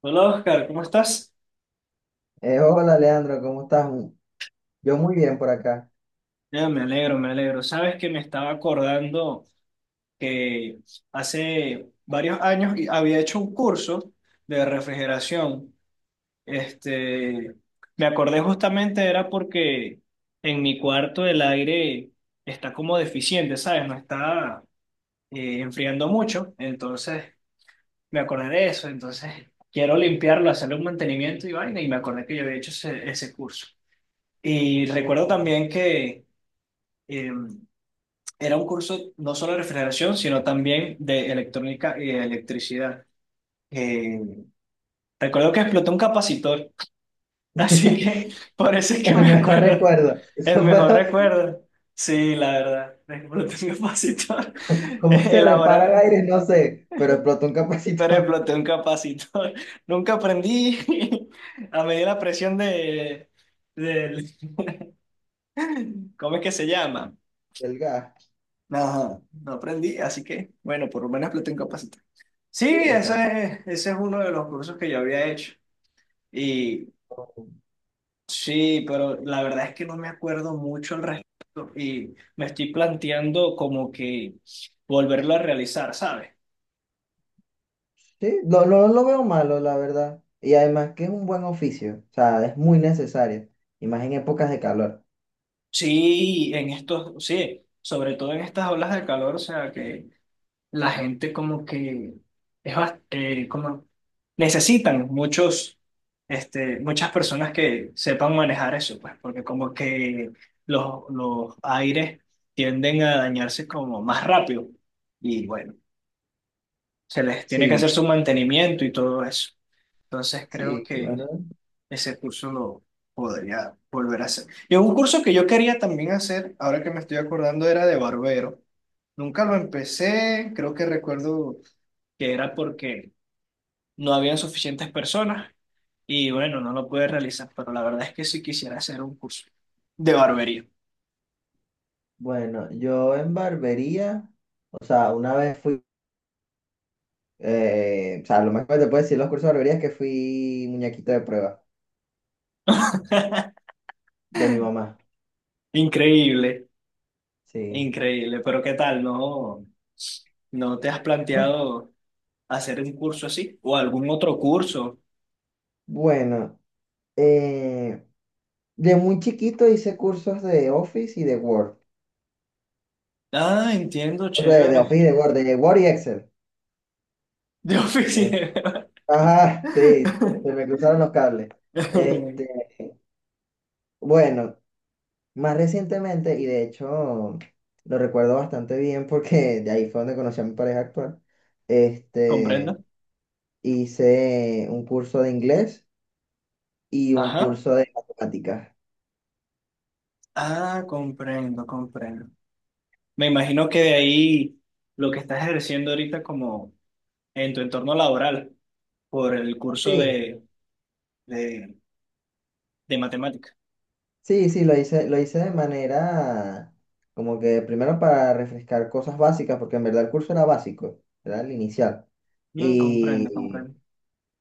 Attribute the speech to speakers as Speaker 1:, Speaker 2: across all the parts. Speaker 1: Hola Oscar, ¿cómo estás?
Speaker 2: Hola Leandro, ¿cómo estás? Yo muy bien por acá.
Speaker 1: Ya, me alegro, me alegro. Sabes que me estaba acordando que hace varios años había hecho un curso de refrigeración. Este, me acordé justamente era porque en mi cuarto el aire está como deficiente, ¿sabes? No está enfriando mucho. Entonces me acordé de eso. Entonces quiero limpiarlo, hacerle un mantenimiento y vaina. Y me acordé que yo había hecho ese curso. Y recuerdo
Speaker 2: Oh.
Speaker 1: también que... eh, era un curso no solo de refrigeración, sino también de electrónica y de electricidad. Eh, recuerdo que explotó un capacitor, así que por eso es que
Speaker 2: El
Speaker 1: me
Speaker 2: mejor
Speaker 1: acuerdo.
Speaker 2: recuerdo.
Speaker 1: El mejor recuerdo. Sí, la verdad. Exploté un capacitor.
Speaker 2: Cómo se repara el
Speaker 1: Elaborar,
Speaker 2: aire, no sé, pero explotó un
Speaker 1: pero
Speaker 2: capacitor.
Speaker 1: exploté un capacitor. Nunca aprendí a medir la presión del- ¿cómo es que se llama?
Speaker 2: Del gas.
Speaker 1: Ajá, no aprendí, así que, bueno, por lo menos exploté un capacitor. Sí,
Speaker 2: Exacto.
Speaker 1: ese es uno de los cursos que yo había hecho. Y sí, pero la verdad es que no me acuerdo mucho al respecto y me estoy planteando como que volverlo a realizar, ¿sabes?
Speaker 2: Sí, lo veo malo, la verdad. Y además que es un buen oficio, o sea, es muy necesario, y más en épocas de calor.
Speaker 1: Sí, en estos, sí, sobre todo en estas olas de calor, o sea, que la gente como que es como necesitan muchos muchas personas que sepan manejar eso pues porque como que los aires tienden a dañarse como más rápido, y bueno, se les tiene que
Speaker 2: Sí,
Speaker 1: hacer su mantenimiento y todo eso. Entonces creo
Speaker 2: sí,
Speaker 1: que
Speaker 2: bueno.
Speaker 1: ese curso lo podría volver a hacer, y un curso que yo quería también hacer, ahora que me estoy acordando, era de barbero. Nunca lo empecé, creo que recuerdo que era porque no habían suficientes personas y bueno, no lo pude realizar, pero la verdad es que sí quisiera hacer un curso de barbería.
Speaker 2: Bueno, yo en barbería, o sea, una vez fui, o sea, lo más que te puedo decir los cursos de barbería es que fui muñequito de prueba de mi mamá,
Speaker 1: Increíble,
Speaker 2: sí.
Speaker 1: increíble, pero ¿qué tal? ¿No, ¿no te has
Speaker 2: ¿No?
Speaker 1: planteado hacer un curso así o algún otro curso?
Speaker 2: Bueno, eh, de muy chiquito hice cursos de Office y de Word.
Speaker 1: Ah, entiendo,
Speaker 2: O sea, de
Speaker 1: chévere.
Speaker 2: Office y de Word y Excel.
Speaker 1: De
Speaker 2: Eh,
Speaker 1: oficina.
Speaker 2: ajá, sí, se me cruzaron los cables. Este, bueno, más recientemente, y de hecho lo recuerdo bastante bien porque de ahí fue donde conocí a mi pareja actual.
Speaker 1: ¿Comprendo?
Speaker 2: Este, hice un curso de inglés y un
Speaker 1: Ajá.
Speaker 2: curso de matemáticas.
Speaker 1: Ah, comprendo, comprendo. Me imagino que de ahí lo que estás ejerciendo ahorita como en tu entorno laboral por el curso
Speaker 2: Sí.
Speaker 1: de, de matemática.
Speaker 2: Sí, sí, lo hice de manera como que primero para refrescar cosas básicas, porque en verdad el curso era básico, era el inicial.
Speaker 1: Mm, comprendo,
Speaker 2: Y,
Speaker 1: comprendo.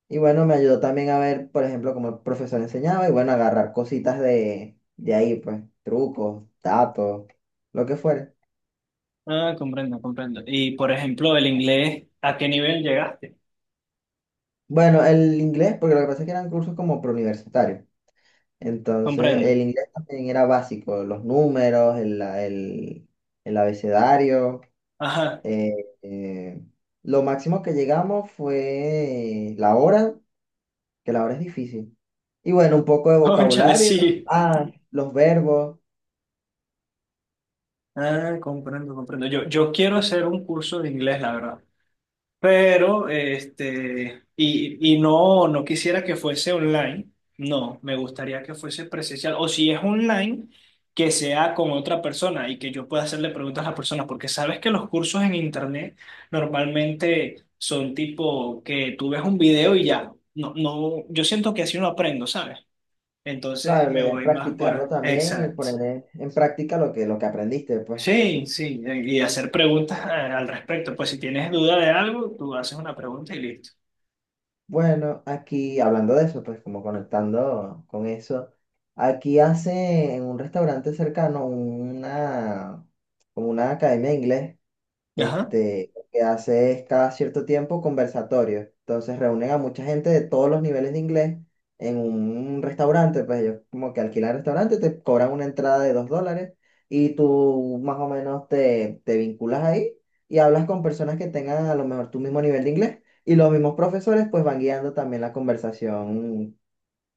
Speaker 2: y bueno, me ayudó también a ver, por ejemplo, cómo el profesor enseñaba y bueno, agarrar cositas de ahí, pues, trucos, datos, lo que fuera.
Speaker 1: Ah, comprendo, comprendo. Y por ejemplo, el inglés, ¿a qué nivel llegaste?
Speaker 2: Bueno, el inglés, porque lo que pasa es que eran cursos como preuniversitarios. Entonces,
Speaker 1: Comprendo.
Speaker 2: el inglés también era básico, los números, el abecedario.
Speaker 1: Ajá,
Speaker 2: Eh, eh, lo máximo que llegamos fue la hora, que la hora es difícil. Y bueno, un poco de
Speaker 1: cónchale,
Speaker 2: vocabulario,
Speaker 1: sí.
Speaker 2: ah, los verbos.
Speaker 1: Ah, comprendo, comprendo. Yo quiero hacer un curso de inglés, la verdad. Pero, este, y no, no quisiera que fuese online, no, me gustaría que fuese presencial, o si es online, que sea con otra persona y que yo pueda hacerle preguntas a la persona, porque sabes que los cursos en internet normalmente son tipo que tú ves un video y ya, no, no, yo siento que así no aprendo, ¿sabes? Entonces
Speaker 2: Claro, la
Speaker 1: me
Speaker 2: idea es
Speaker 1: voy más
Speaker 2: practicarlo
Speaker 1: por...
Speaker 2: también y
Speaker 1: Exacto.
Speaker 2: poner en práctica lo que aprendiste, pues.
Speaker 1: Sí, sí, y hacer preguntas al respecto, pues si tienes duda de algo, tú haces una pregunta y listo.
Speaker 2: Bueno, aquí hablando de eso, pues como conectando con eso, aquí hace en un restaurante cercano una, como una academia de inglés.
Speaker 1: Ajá.
Speaker 2: Este, lo que hace es cada cierto tiempo conversatorios. Entonces reúnen a mucha gente de todos los niveles de inglés en un restaurante, pues ellos como que alquilan el restaurante, te cobran una entrada de $2 y tú más o menos te vinculas ahí y hablas con personas que tengan a lo mejor tu mismo nivel de inglés y los mismos profesores pues van guiando también la conversación.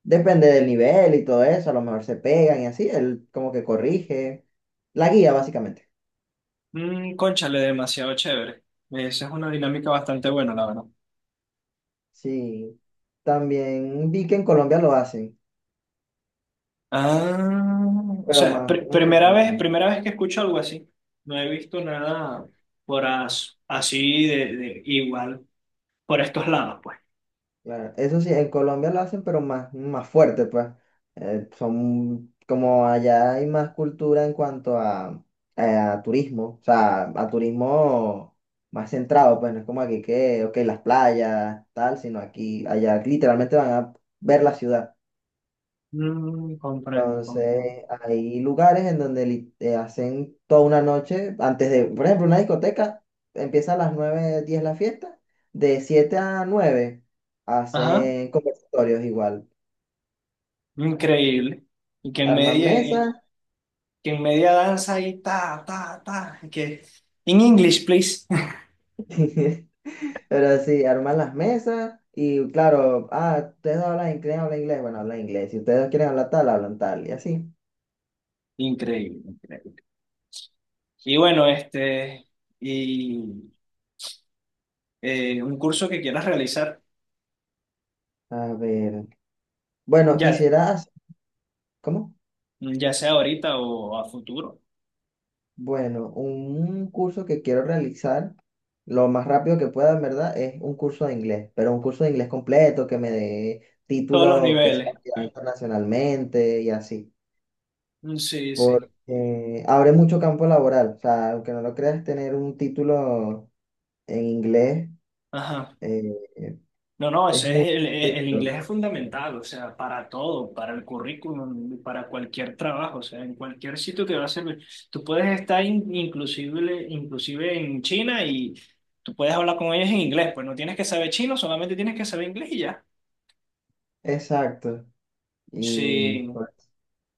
Speaker 2: Depende del nivel y todo eso, a lo mejor se pegan y así, él como que corrige, la guía básicamente.
Speaker 1: Mm, cónchale, demasiado chévere. Esa es una dinámica bastante buena, la verdad.
Speaker 2: Sí, también vi que en Colombia lo hacen,
Speaker 1: Ah, o
Speaker 2: pero
Speaker 1: sea,
Speaker 2: más,
Speaker 1: primera vez que escucho algo así. No he visto nada por así de igual por estos lados, pues.
Speaker 2: claro, eso sí, en Colombia lo hacen, pero más, más fuerte, pues. Son, como allá hay más cultura en cuanto a turismo, o sea, a turismo más centrado, pues no es como aquí que, ok, las playas, tal, sino aquí, allá literalmente van a ver la ciudad.
Speaker 1: Mm, comprendo, comprendo.
Speaker 2: Entonces, hay lugares en donde hacen toda una noche, antes de, por ejemplo, una discoteca, empieza a las 9, 10 la fiesta, de 7 a 9
Speaker 1: Ajá,
Speaker 2: hacen conversatorios igual,
Speaker 1: increíble. Y
Speaker 2: arman mesas,
Speaker 1: que en media danza ahí ta, ta, ta, y que in English, please.
Speaker 2: pero sí, arman las mesas y claro, ah, ustedes hablan inglés, bueno, hablan inglés, si ustedes quieren hablar tal, hablan tal, y así.
Speaker 1: Increíble, increíble. Y bueno, este, y un curso que quieras realizar.
Speaker 2: A ver, bueno,
Speaker 1: Ya,
Speaker 2: quisieras, ¿cómo?
Speaker 1: ya sea ahorita o a futuro.
Speaker 2: Bueno, un curso que quiero realizar lo más rápido que pueda, en verdad, es un curso de inglés, pero un curso de inglés completo que me dé
Speaker 1: Todos los
Speaker 2: título que sea
Speaker 1: niveles.
Speaker 2: validado internacionalmente y así.
Speaker 1: Mm, sí, sí.
Speaker 2: Porque abre mucho campo laboral. O sea, aunque no lo creas, tener un título en inglés
Speaker 1: Ajá.
Speaker 2: eh,
Speaker 1: No, no,
Speaker 2: es
Speaker 1: ese es
Speaker 2: muy
Speaker 1: el
Speaker 2: difícil.
Speaker 1: inglés es fundamental, o sea, para todo, para el currículum, para cualquier trabajo, o sea, en cualquier sitio que va a servir. Tú puedes estar inclusive, inclusive en China, y tú puedes hablar con ellos en inglés, pues no tienes que saber chino, solamente tienes que saber inglés y ya.
Speaker 2: Exacto. Y
Speaker 1: Sí.
Speaker 2: por,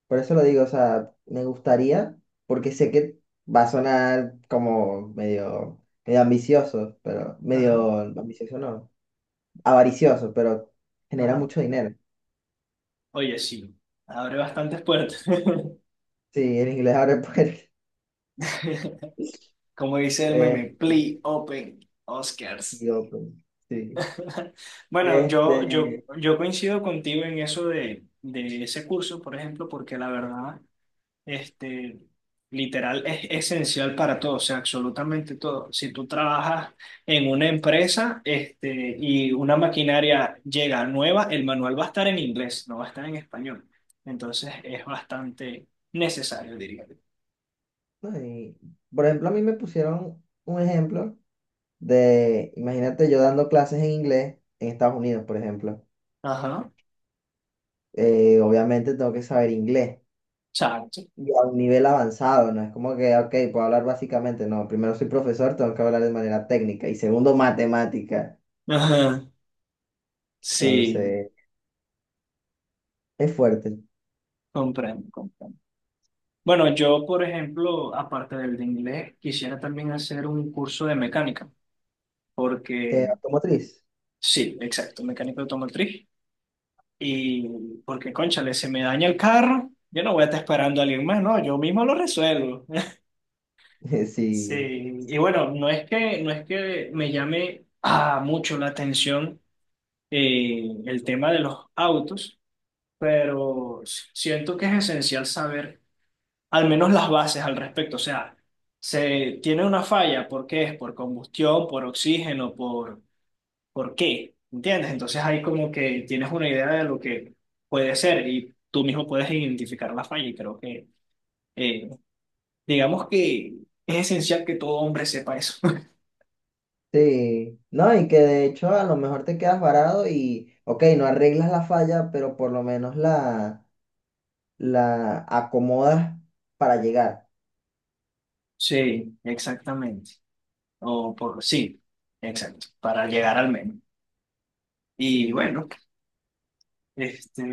Speaker 2: por eso lo digo, o sea, me gustaría, porque sé que va a sonar como medio, medio ambicioso, pero
Speaker 1: Ajá,
Speaker 2: medio ambicioso no. Avaricioso, pero genera
Speaker 1: ajá.
Speaker 2: mucho dinero.
Speaker 1: Oye, sí, abre bastantes puertas.
Speaker 2: Sí, el inglés abre puertas.
Speaker 1: Como dice el meme,
Speaker 2: Este,
Speaker 1: Plea Open Oscars.
Speaker 2: y open, sí.
Speaker 1: Bueno,
Speaker 2: Este,
Speaker 1: yo coincido contigo en eso de ese curso, por ejemplo, porque la verdad, este, literal, es esencial para todo, o sea, absolutamente todo. Si tú trabajas en una empresa, este, y una maquinaria llega nueva, el manual va a estar en inglés, no va a estar en español. Entonces, es bastante necesario, diría yo.
Speaker 2: no, y por ejemplo, a mí me pusieron un ejemplo de, imagínate yo dando clases en inglés en Estados Unidos, por ejemplo.
Speaker 1: Ajá,
Speaker 2: Obviamente tengo que saber inglés
Speaker 1: exacto.
Speaker 2: y a un nivel avanzado, no es como que, ok, puedo hablar básicamente, no, primero soy profesor, tengo que hablar de manera técnica y segundo, matemática.
Speaker 1: Ajá, sí.
Speaker 2: Entonces, es fuerte.
Speaker 1: Comprendo, comprendo. Bueno, yo, por ejemplo, aparte del de inglés, quisiera también hacer un curso de mecánica, porque
Speaker 2: Automotriz.
Speaker 1: sí, exacto, mecánico automotriz. Y porque, cónchale, se me daña el carro, yo no voy a estar esperando a alguien más, no, yo mismo lo resuelvo.
Speaker 2: Sí.
Speaker 1: Sí, y bueno, no es que me llame mucho la atención el tema de los autos, pero siento que es esencial saber al menos las bases al respecto. O sea, se tiene una falla, ¿por qué es? ¿Por combustión, por oxígeno, por qué? ¿Entiendes? Entonces ahí como que tienes una idea de lo que puede ser y tú mismo puedes identificar la falla y creo que, eh, digamos que es esencial que todo hombre sepa eso.
Speaker 2: Sí, no, y que de hecho a lo mejor te quedas varado y, ok, no arreglas la falla, pero por lo menos la, acomodas para llegar.
Speaker 1: Sí, exactamente. O por, sí, exacto, para llegar al menos. Y
Speaker 2: Sí.
Speaker 1: bueno, este,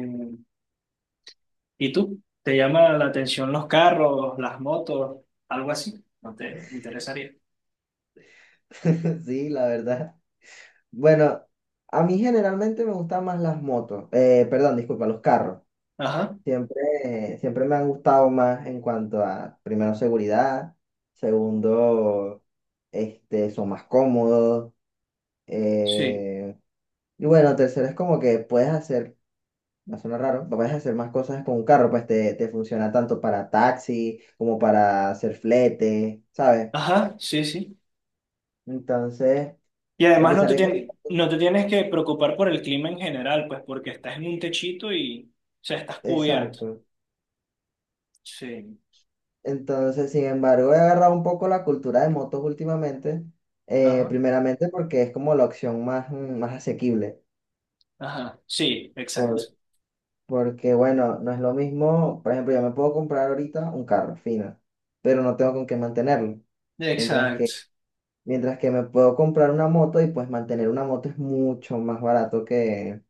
Speaker 1: ¿y tú? ¿Te llama la atención los carros, las motos, algo así? ¿No te interesaría?
Speaker 2: Sí, la verdad. Bueno, a mí generalmente me gustan más las motos, perdón, disculpa, los carros.
Speaker 1: Ajá,
Speaker 2: Siempre, siempre me han gustado más en cuanto a, primero, seguridad, segundo, este, son más cómodos,
Speaker 1: sí.
Speaker 2: eh, y bueno, tercero es como que puedes hacer. No suena raro. Puedes hacer más cosas con un carro, pues te funciona tanto para taxi como para hacer flete, ¿sabes?
Speaker 1: Ajá, sí, sí.
Speaker 2: Entonces,
Speaker 1: Y
Speaker 2: a
Speaker 1: además
Speaker 2: pesar de que...
Speaker 1: no te tienes que preocupar por el clima en general, pues porque estás en un techito y, o sea, estás cubierto.
Speaker 2: Exacto.
Speaker 1: Sí.
Speaker 2: Entonces, sin embargo, he agarrado un poco la cultura de motos últimamente,
Speaker 1: Ajá,
Speaker 2: primeramente porque es como la opción más, más asequible.
Speaker 1: ajá, sí, exacto.
Speaker 2: Por- Porque, bueno, no es lo mismo, por ejemplo, yo me puedo comprar ahorita un carro fino, pero no tengo con qué mantenerlo. Mientras que
Speaker 1: Exacto.
Speaker 2: mientras que me puedo comprar una moto y pues mantener una moto es mucho más barato que,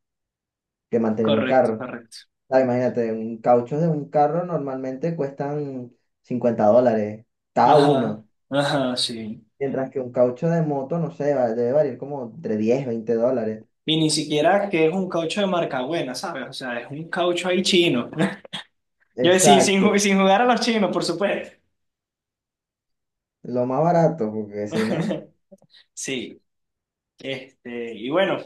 Speaker 2: que mantener un
Speaker 1: Correcto,
Speaker 2: carro.
Speaker 1: correcto.
Speaker 2: Ah, imagínate, un caucho de un carro normalmente cuestan $50 cada
Speaker 1: Ajá,
Speaker 2: uno.
Speaker 1: ajá, sí.
Speaker 2: Mientras que un caucho de moto, no sé, debe variar como entre $10, $20.
Speaker 1: Y ni siquiera que es un caucho de marca buena, ¿sabes? O sea, es un caucho ahí chino. Yo
Speaker 2: Exacto,
Speaker 1: sin jugar a los chinos, por supuesto.
Speaker 2: lo más barato, porque si no.
Speaker 1: Sí, este, y bueno,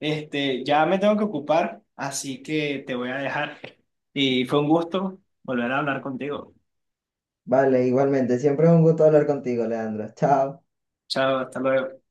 Speaker 1: este, ya me tengo que ocupar, así que te voy a dejar. Y fue un gusto volver a hablar contigo.
Speaker 2: Vale, igualmente, siempre es un gusto hablar contigo, Leandro. Chao.
Speaker 1: Chao, hasta luego.